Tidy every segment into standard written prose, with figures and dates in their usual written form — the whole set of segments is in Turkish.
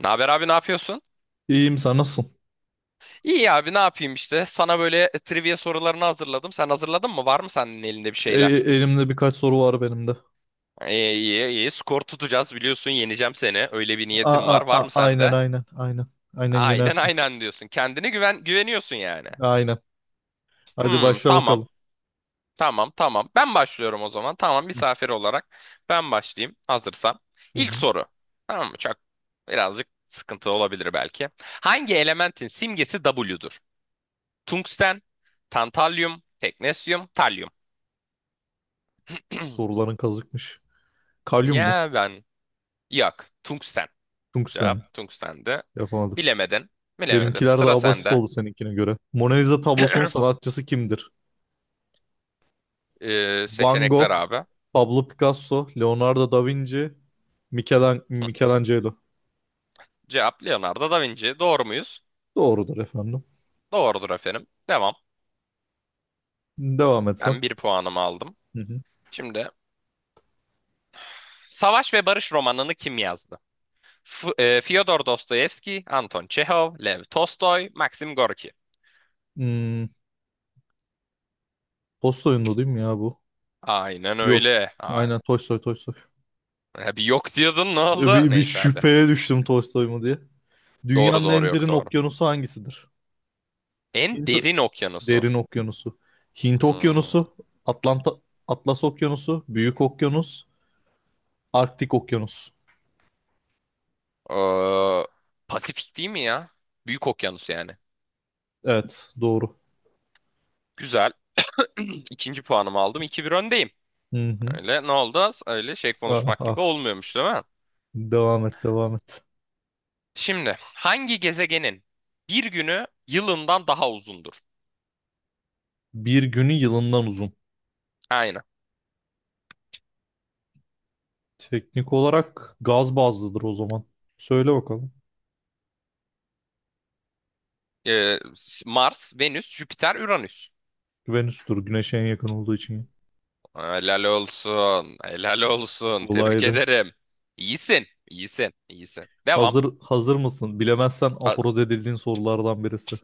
Ne haber abi, ne yapıyorsun? İyiyim, sen nasılsın? İyi abi, ne yapayım işte. Sana böyle trivia sorularını hazırladım. Sen hazırladın mı? Var mı senin elinde bir E- e- şeyler? Elimde birkaç soru var benim de. İyi, iyi, iyi. Skor tutacağız, biliyorsun. Yeneceğim seni. Öyle bir A niyetim a var. a Var mı Aynen sende? aynen aynen. Aynen Aynen yenersin. aynen diyorsun. Kendine güven, güveniyorsun yani. Aynen. Hadi Hmm, başla tamam. bakalım. Tamam, tamam. Ben başlıyorum o zaman. Tamam, Hı misafir olarak ben başlayayım hazırsam. hı. İlk Hı. soru. Tamam mı? Birazcık sıkıntı olabilir belki. Hangi elementin simgesi W'dur? Tungsten, tantalyum, teknesyum, talyum. Soruların kazıkmış. Kalyum mu? Ya ben, yok. Tungsten. Tungsten Cevap mi? tungstendi. Yapamadım. Bilemedin. Bilemedin. Benimkiler Sıra daha basit sende. oldu seninkine göre. Mona Lisa tablosunun sanatçısı kimdir? Van Seçenekler Gogh, abi. Pablo Picasso, Leonardo da Vinci, Michelangelo. Cevap Leonardo da Vinci. Doğru muyuz? Doğrudur efendim. Doğrudur efendim. Devam. Devam etsen. Ben bir puanımı aldım. Hı hı. Şimdi Savaş ve Barış romanını kim yazdı? Fyodor Dostoyevski, Anton Çehov, Lev Tolstoy, Maxim Gorki. Hmm, Tolstoy'un da değil mi ya bu? Aynen Yok. öyle. Aynen Tolstoy Tolstoy. Bir yok diyordun, ne oldu? Bir Neyse hadi. şüpheye düştüm Tolstoy mu diye. Doğru Dünyanın doğru, en yok derin doğru. okyanusu hangisidir? En Hint derin okyanusu. derin okyanusu. Hint Hmm. okyanusu, Atlanta Atlas okyanusu, Büyük okyanus, Arktik okyanus. Ee, Pasifik değil mi ya? Büyük okyanus yani. Evet, doğru. Güzel. İkinci puanımı aldım. 2-1 öndeyim. Hı hı. Öyle ne oldu? Öyle şey Ah, konuşmak ah. gibi olmuyormuş değil mi? Devam et, devam et. Şimdi hangi gezegenin bir günü yılından daha uzundur? Bir günü yılından uzun. Aynen. Teknik olarak gaz bazlıdır o zaman. Söyle bakalım. Ee, Mars, Venüs, Jüpiter, Uranüs. Venüs'tür, Güneş'e en yakın olduğu için. Helal olsun. Helal olsun. Tebrik Kolaydı. ederim. İyisin. İyisin. İyisin. Devam. Hazır mısın? Bilemezsen A- aforoz edildiğin sorulardan birisi.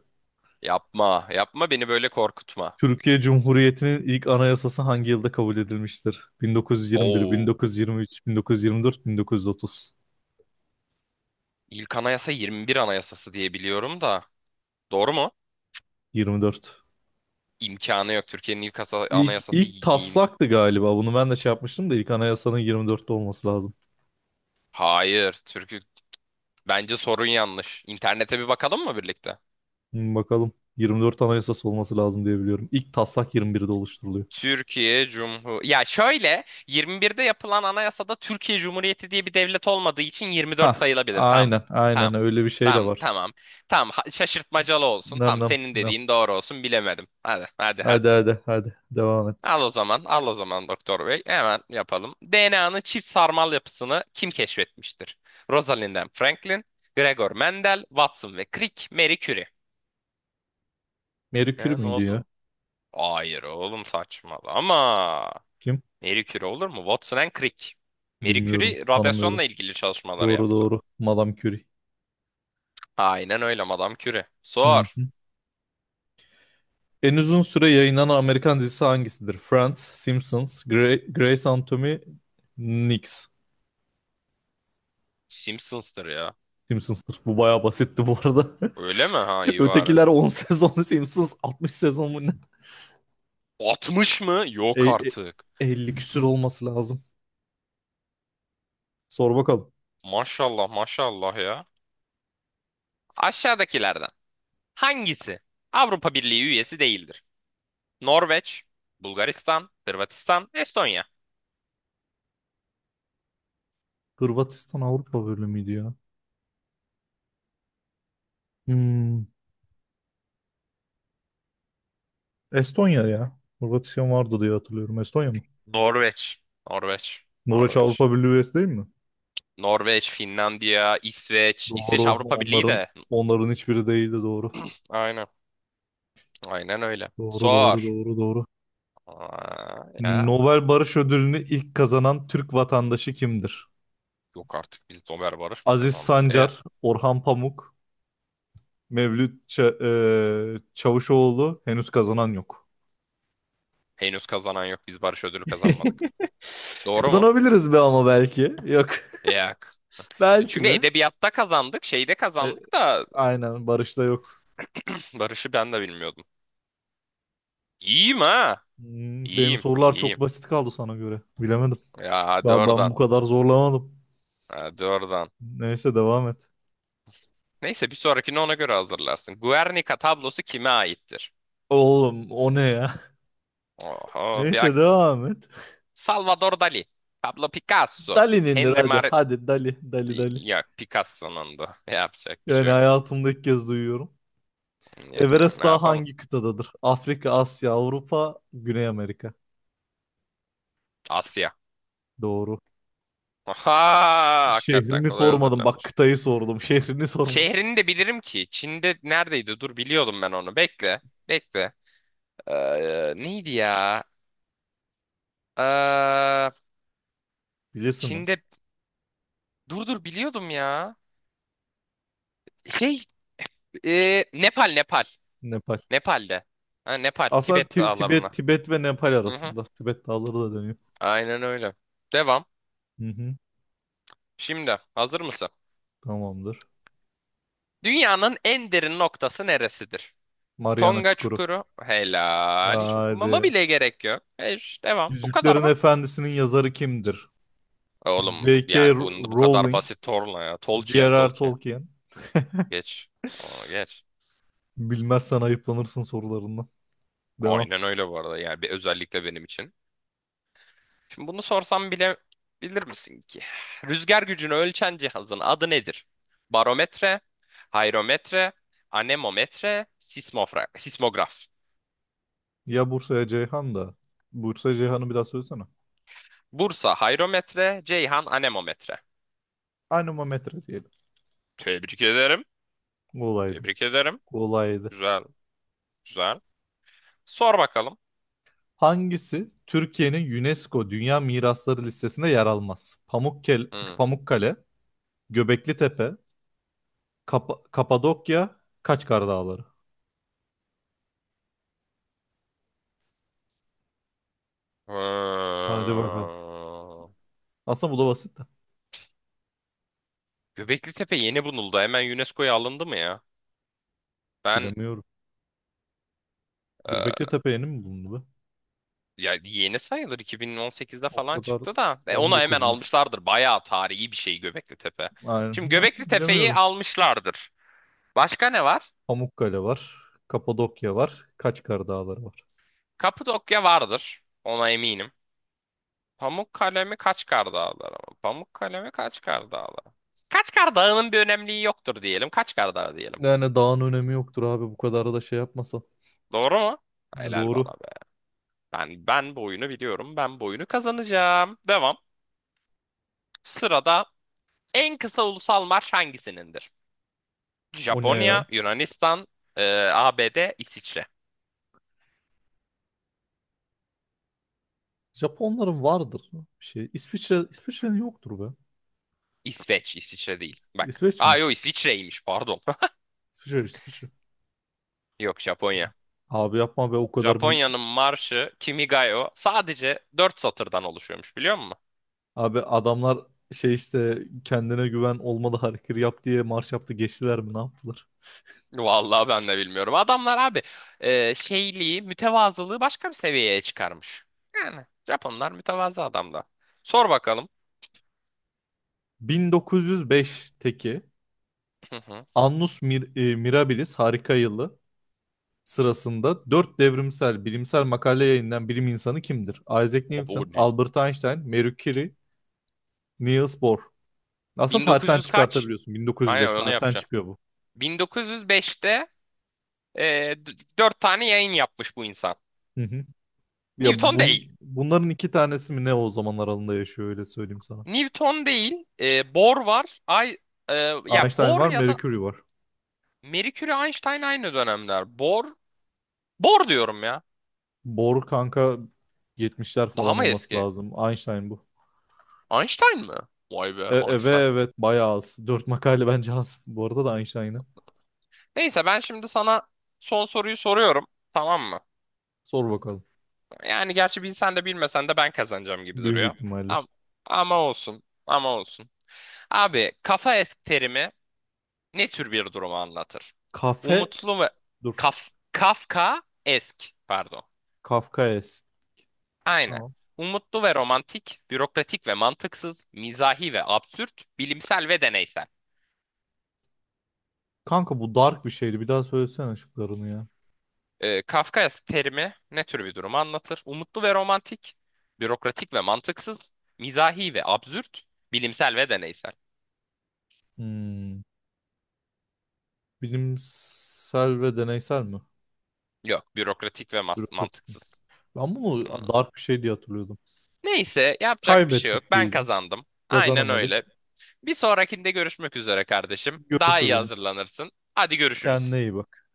Yapma, yapma beni böyle korkutma. Türkiye Cumhuriyeti'nin ilk anayasası hangi yılda kabul edilmiştir? 1921, Oo, 1923, 1924, 1930, ilk anayasa 21 anayasası diye biliyorum da. Doğru mu? 24. İmkanı yok. Türkiye'nin ilk İlk, anayasası ilk bin. taslaktı galiba. Bunu ben de şey yapmıştım da ilk anayasanın 24'te olması lazım. Hayır, bence sorun yanlış. İnternete bir bakalım mı birlikte? Bakalım. 24 anayasası olması lazım diye biliyorum. İlk taslak 21'de oluşturuluyor. Türkiye Cumhur Ya şöyle, 21'de yapılan anayasada Türkiye Cumhuriyeti diye bir devlet olmadığı için 24 Hah, sayılabilir. Tamam. aynen, aynen Tamam. öyle bir şey de Tamam, var. tamam. Tamam, şaşırtmacalı olsun. Nem Tamam, nem senin nem. dediğin doğru olsun. Bilemedim. Hadi, hadi, hadi. Hadi hadi hadi devam et. Al o zaman, al o zaman Doktor Bey. Hemen yapalım. DNA'nın çift sarmal yapısını kim keşfetmiştir? Rosalind and Franklin, Gregor Mendel, Watson ve Crick, Marie Curie. Marie Curie Ha, ne miydi ya? oldu? Hayır oğlum, saçmalama. Kim? Marie Curie olur mu? Watson and Crick. Marie Bilmiyorum, Curie tanımıyorum. radyasyonla ilgili çalışmaları Doğru yaptı. doğru. Madame Curie. Aynen öyle, Madame Curie. Sor. Hmm. En uzun süre yayınlanan Amerikan dizisi hangisidir? Friends, Simpsons, Grey's Anatomy, Nix. Simpsons'tır ya. Simpsons'tır. Bu bayağı basitti bu arada. Öyle mi? Ha, iyi bari. Ötekiler 10 sezon, Simpsons 60 sezon mu ne? 60 mı? E, Yok e, artık. 50 küsür olması lazım. Sor bakalım. Maşallah maşallah ya. Aşağıdakilerden hangisi Avrupa Birliği üyesi değildir? Norveç, Bulgaristan, Hırvatistan, Estonya. Hırvatistan Avrupa bölümüydü ya. Hmm, Estonya ya. Hırvatistan vardı diye hatırlıyorum. Estonya mı? Norveç, Norveç, Norveç Norveç. Avrupa Birliği üyesi değil mi? Norveç, Finlandiya, İsveç. Doğru. İsveç Avrupa Birliği Onların de. onların hiçbiri değildi doğru. Aynen, aynen öyle. Doğru doğru Sor. doğru doğru. Ya. Nobel Barış Ödülünü ilk kazanan Türk vatandaşı kimdir? Yok artık, biz Nobel Barış mı Aziz kazandık? Sancar, Orhan Pamuk, Mevlüt Çavuşoğlu henüz kazanan yok. Henüz kazanan yok. Biz Barış ödülü kazanmadık. Doğru mu? Kazanabiliriz be ama belki. Yok. Yok. Belki Çünkü be. edebiyatta kazandık, şeyde E, kazandık da. aynen Barış'ta yok. Barış'ı ben de bilmiyordum. İyiyim ha. Benim İyiyim, sorular iyiyim. çok basit kaldı sana göre. Bilemedim. Ya hadi Ben oradan. bu kadar zorlamadım. Hadi oradan. Neyse devam et. Neyse, bir sonrakini ona göre hazırlarsın. Guernica tablosu kime aittir? Oğlum o ne ya? Oho, bir Neyse bak. devam et. Salvador Dali. Pablo Picasso. Dali'nindir Henry hadi. Mar... Hadi Dali. Dali Dali. Ya Picasso'nun da. Yapacak bir Yani şey yok. hayatımda ilk kez duyuyorum. Ya, Everest ne Dağı yapalım? hangi kıtadadır? Afrika, Asya, Avrupa, Güney Amerika. Asya. Doğru. Aha! Hakikaten Şehrini kolay sormadım. Bak hazırlanmış. kıtayı sordum. Şehrini sormadım. Şehrini de bilirim ki. Çin'de neredeydi? Dur, biliyordum ben onu. Bekle. Bekle. Neydi ya? Ee, Bilirsin lan. Çin'de... Dur dur, biliyordum ya. Şey, Nepal, Nepal. Nepal. Nepal'de. Ha, Nepal, Aslında Tibet Ti- Tibet, dağlarına. Tibet ve Nepal Hı hı. arasında. Tibet dağları da dönüyor. Aynen öyle. Devam. Hı hı. Şimdi hazır mısın? Tamamdır. Dünyanın en derin noktası neresidir? Mariana Tonga Çukuru. Çukuru. Helal. Hiç okumama Hadi. bile gerek yok. Devam. Bu kadar Yüzüklerin bak. Efendisi'nin yazarı kimdir? Oğlum J.K. yani bunu bu kadar Rowling, basit, Torla ya. Tolkien, J.R.R. Tolkien. Tolkien. Geç. Onu geç. Bilmezsen ayıplanırsın sorularından. Devam. Aynen öyle bu arada. Yani bir özellikle benim için. Şimdi bunu sorsam bile bilir misin ki? Rüzgar gücünü ölçen cihazın adı nedir? Barometre, hayrometre, anemometre, sismograf. Ya Bursa'ya Ceyhan da. Bursa Ceyhan'ı bir daha söylesene. Bursa hayrometre, Ceyhan anemometre. Anemometre diyelim. Tebrik ederim. Kolaydı. Tebrik ederim. Kolaydı. Güzel, güzel. Sor bakalım. Hangisi Türkiye'nin UNESCO Dünya Mirasları listesinde yer almaz? Hı. Pamukkale, Göbeklitepe, Kapadokya, Kaçkar Dağları. Ee, Hadi bakalım. Aslında bu da basit de. Göbekli Tepe yeni bulundu. Hemen UNESCO'ya alındı mı ya? Ben Bilemiyorum. e, Göbeklitepe yeni mi bulundu be? Ya yeni sayılır, 2018'de O falan kadar. çıktı da On onu hemen dokuzmuş. almışlardır. Bayağı tarihi bir şey Göbekli Tepe. Şimdi Aynen. Göbekli Tepe'yi Bilemiyorum. almışlardır. Başka ne var? Pamukkale var. Kapadokya var. Kaçkar Dağları var. Kapadokya vardır. Ona eminim. Pamukkale mi, Kaçkar Dağları mı? Pamukkale mi, Kaçkar Dağları? Kaçkar Dağı'nın bir önemliği yoktur diyelim. Kaçkar Dağı diyelim. Yani dağın önemi yoktur abi bu kadar da şey yapmasa. Doğru mu? Ne Helal doğru. bana be. Ben bu oyunu biliyorum. Ben bu oyunu kazanacağım. Devam. Sırada en kısa ulusal marş hangisinindir? O ne ya? Japonya, Yunanistan, e, ABD, İsviçre. Japonların vardır bir şey. İsviçre'nin yoktur be. İsveç, İsviçre değil. Bak. İsveç mi? Aa yok, İsviçre'ymiş, pardon. İsviçre İsviçre. Yok, Japonya. Abi yapma be o kadar Japonya'nın marşı Kimigayo sadece 4 satırdan oluşuyormuş, biliyor musun? abi adamlar şey işte kendine güven olmalı hareket yap diye marş yaptı geçtiler mi ne yaptılar? Vallahi ben de bilmiyorum. Adamlar abi şeyliği, mütevazılığı başka bir seviyeye çıkarmış. Yani Japonlar mütevazı adamlar. Sor bakalım. 1905'teki Hı hı. Annus Mirabilis harika yılı sırasında dört devrimsel bilimsel makale yayınlayan bilim insanı kimdir? Isaac O Newton, ne? Albert Einstein, Marie Curie, Niels Bohr. Aslında tarihten 1900 kaç? çıkartabiliyorsun. Aynen 1905 onu tarihten yapacağım. çıkıyor bu. 1905'te e, d- dört tane yayın yapmış bu insan. Hı hı. Ya Newton değil. Bunların iki tanesi mi ne o zaman aralığında yaşıyor öyle söyleyeyim sana. Newton değil. Bohr var. E, Ya Einstein Bohr var, ya da Mercury var. Mercury, Einstein aynı dönemler. Bohr, Bohr diyorum ya. Bohr kanka 70'ler Daha falan mı olması eski? lazım. Einstein bu. Einstein mi? Vay be, Ve Einstein. evet, bayağı az. 4 makale bence az. Bu arada da Einstein'ı. Neyse, ben şimdi sana son soruyu soruyorum. Tamam mı? Sor bakalım. Yani gerçi bilsen de bilmesen de ben kazanacağım gibi Büyük duruyor. ihtimalle. Ama, ama olsun. Ama olsun. Abi, kafa esk terimi ne tür bir durumu anlatır? Kafe Umutlu ve Dur. Kafka esk pardon. Kafkaes. Aynen. Tamam. Umutlu ve romantik, bürokratik ve mantıksız, mizahi ve absürt, bilimsel ve deneysel. Kanka bu dark bir şeydi. Bir daha söylesene şıklarını ya. Kafka terimi ne tür bir durumu anlatır? Umutlu ve romantik, bürokratik ve mantıksız, mizahi ve absürt, bilimsel ve deneysel. Hmm. Bilimsel ve deneysel mi? Yok, bürokratik ve Bürokratik. mantıksız. Ben bunu Hmm. dark bir şey diye hatırlıyordum. Neyse, yapacak bir şey yok. Kaybettik Ben diyelim. kazandım. Aynen öyle. Kazanamadık. Bir sonrakinde görüşmek üzere kardeşim. Daha iyi Görüşürüm. hazırlanırsın. Hadi, görüşürüz. Kendine iyi bak.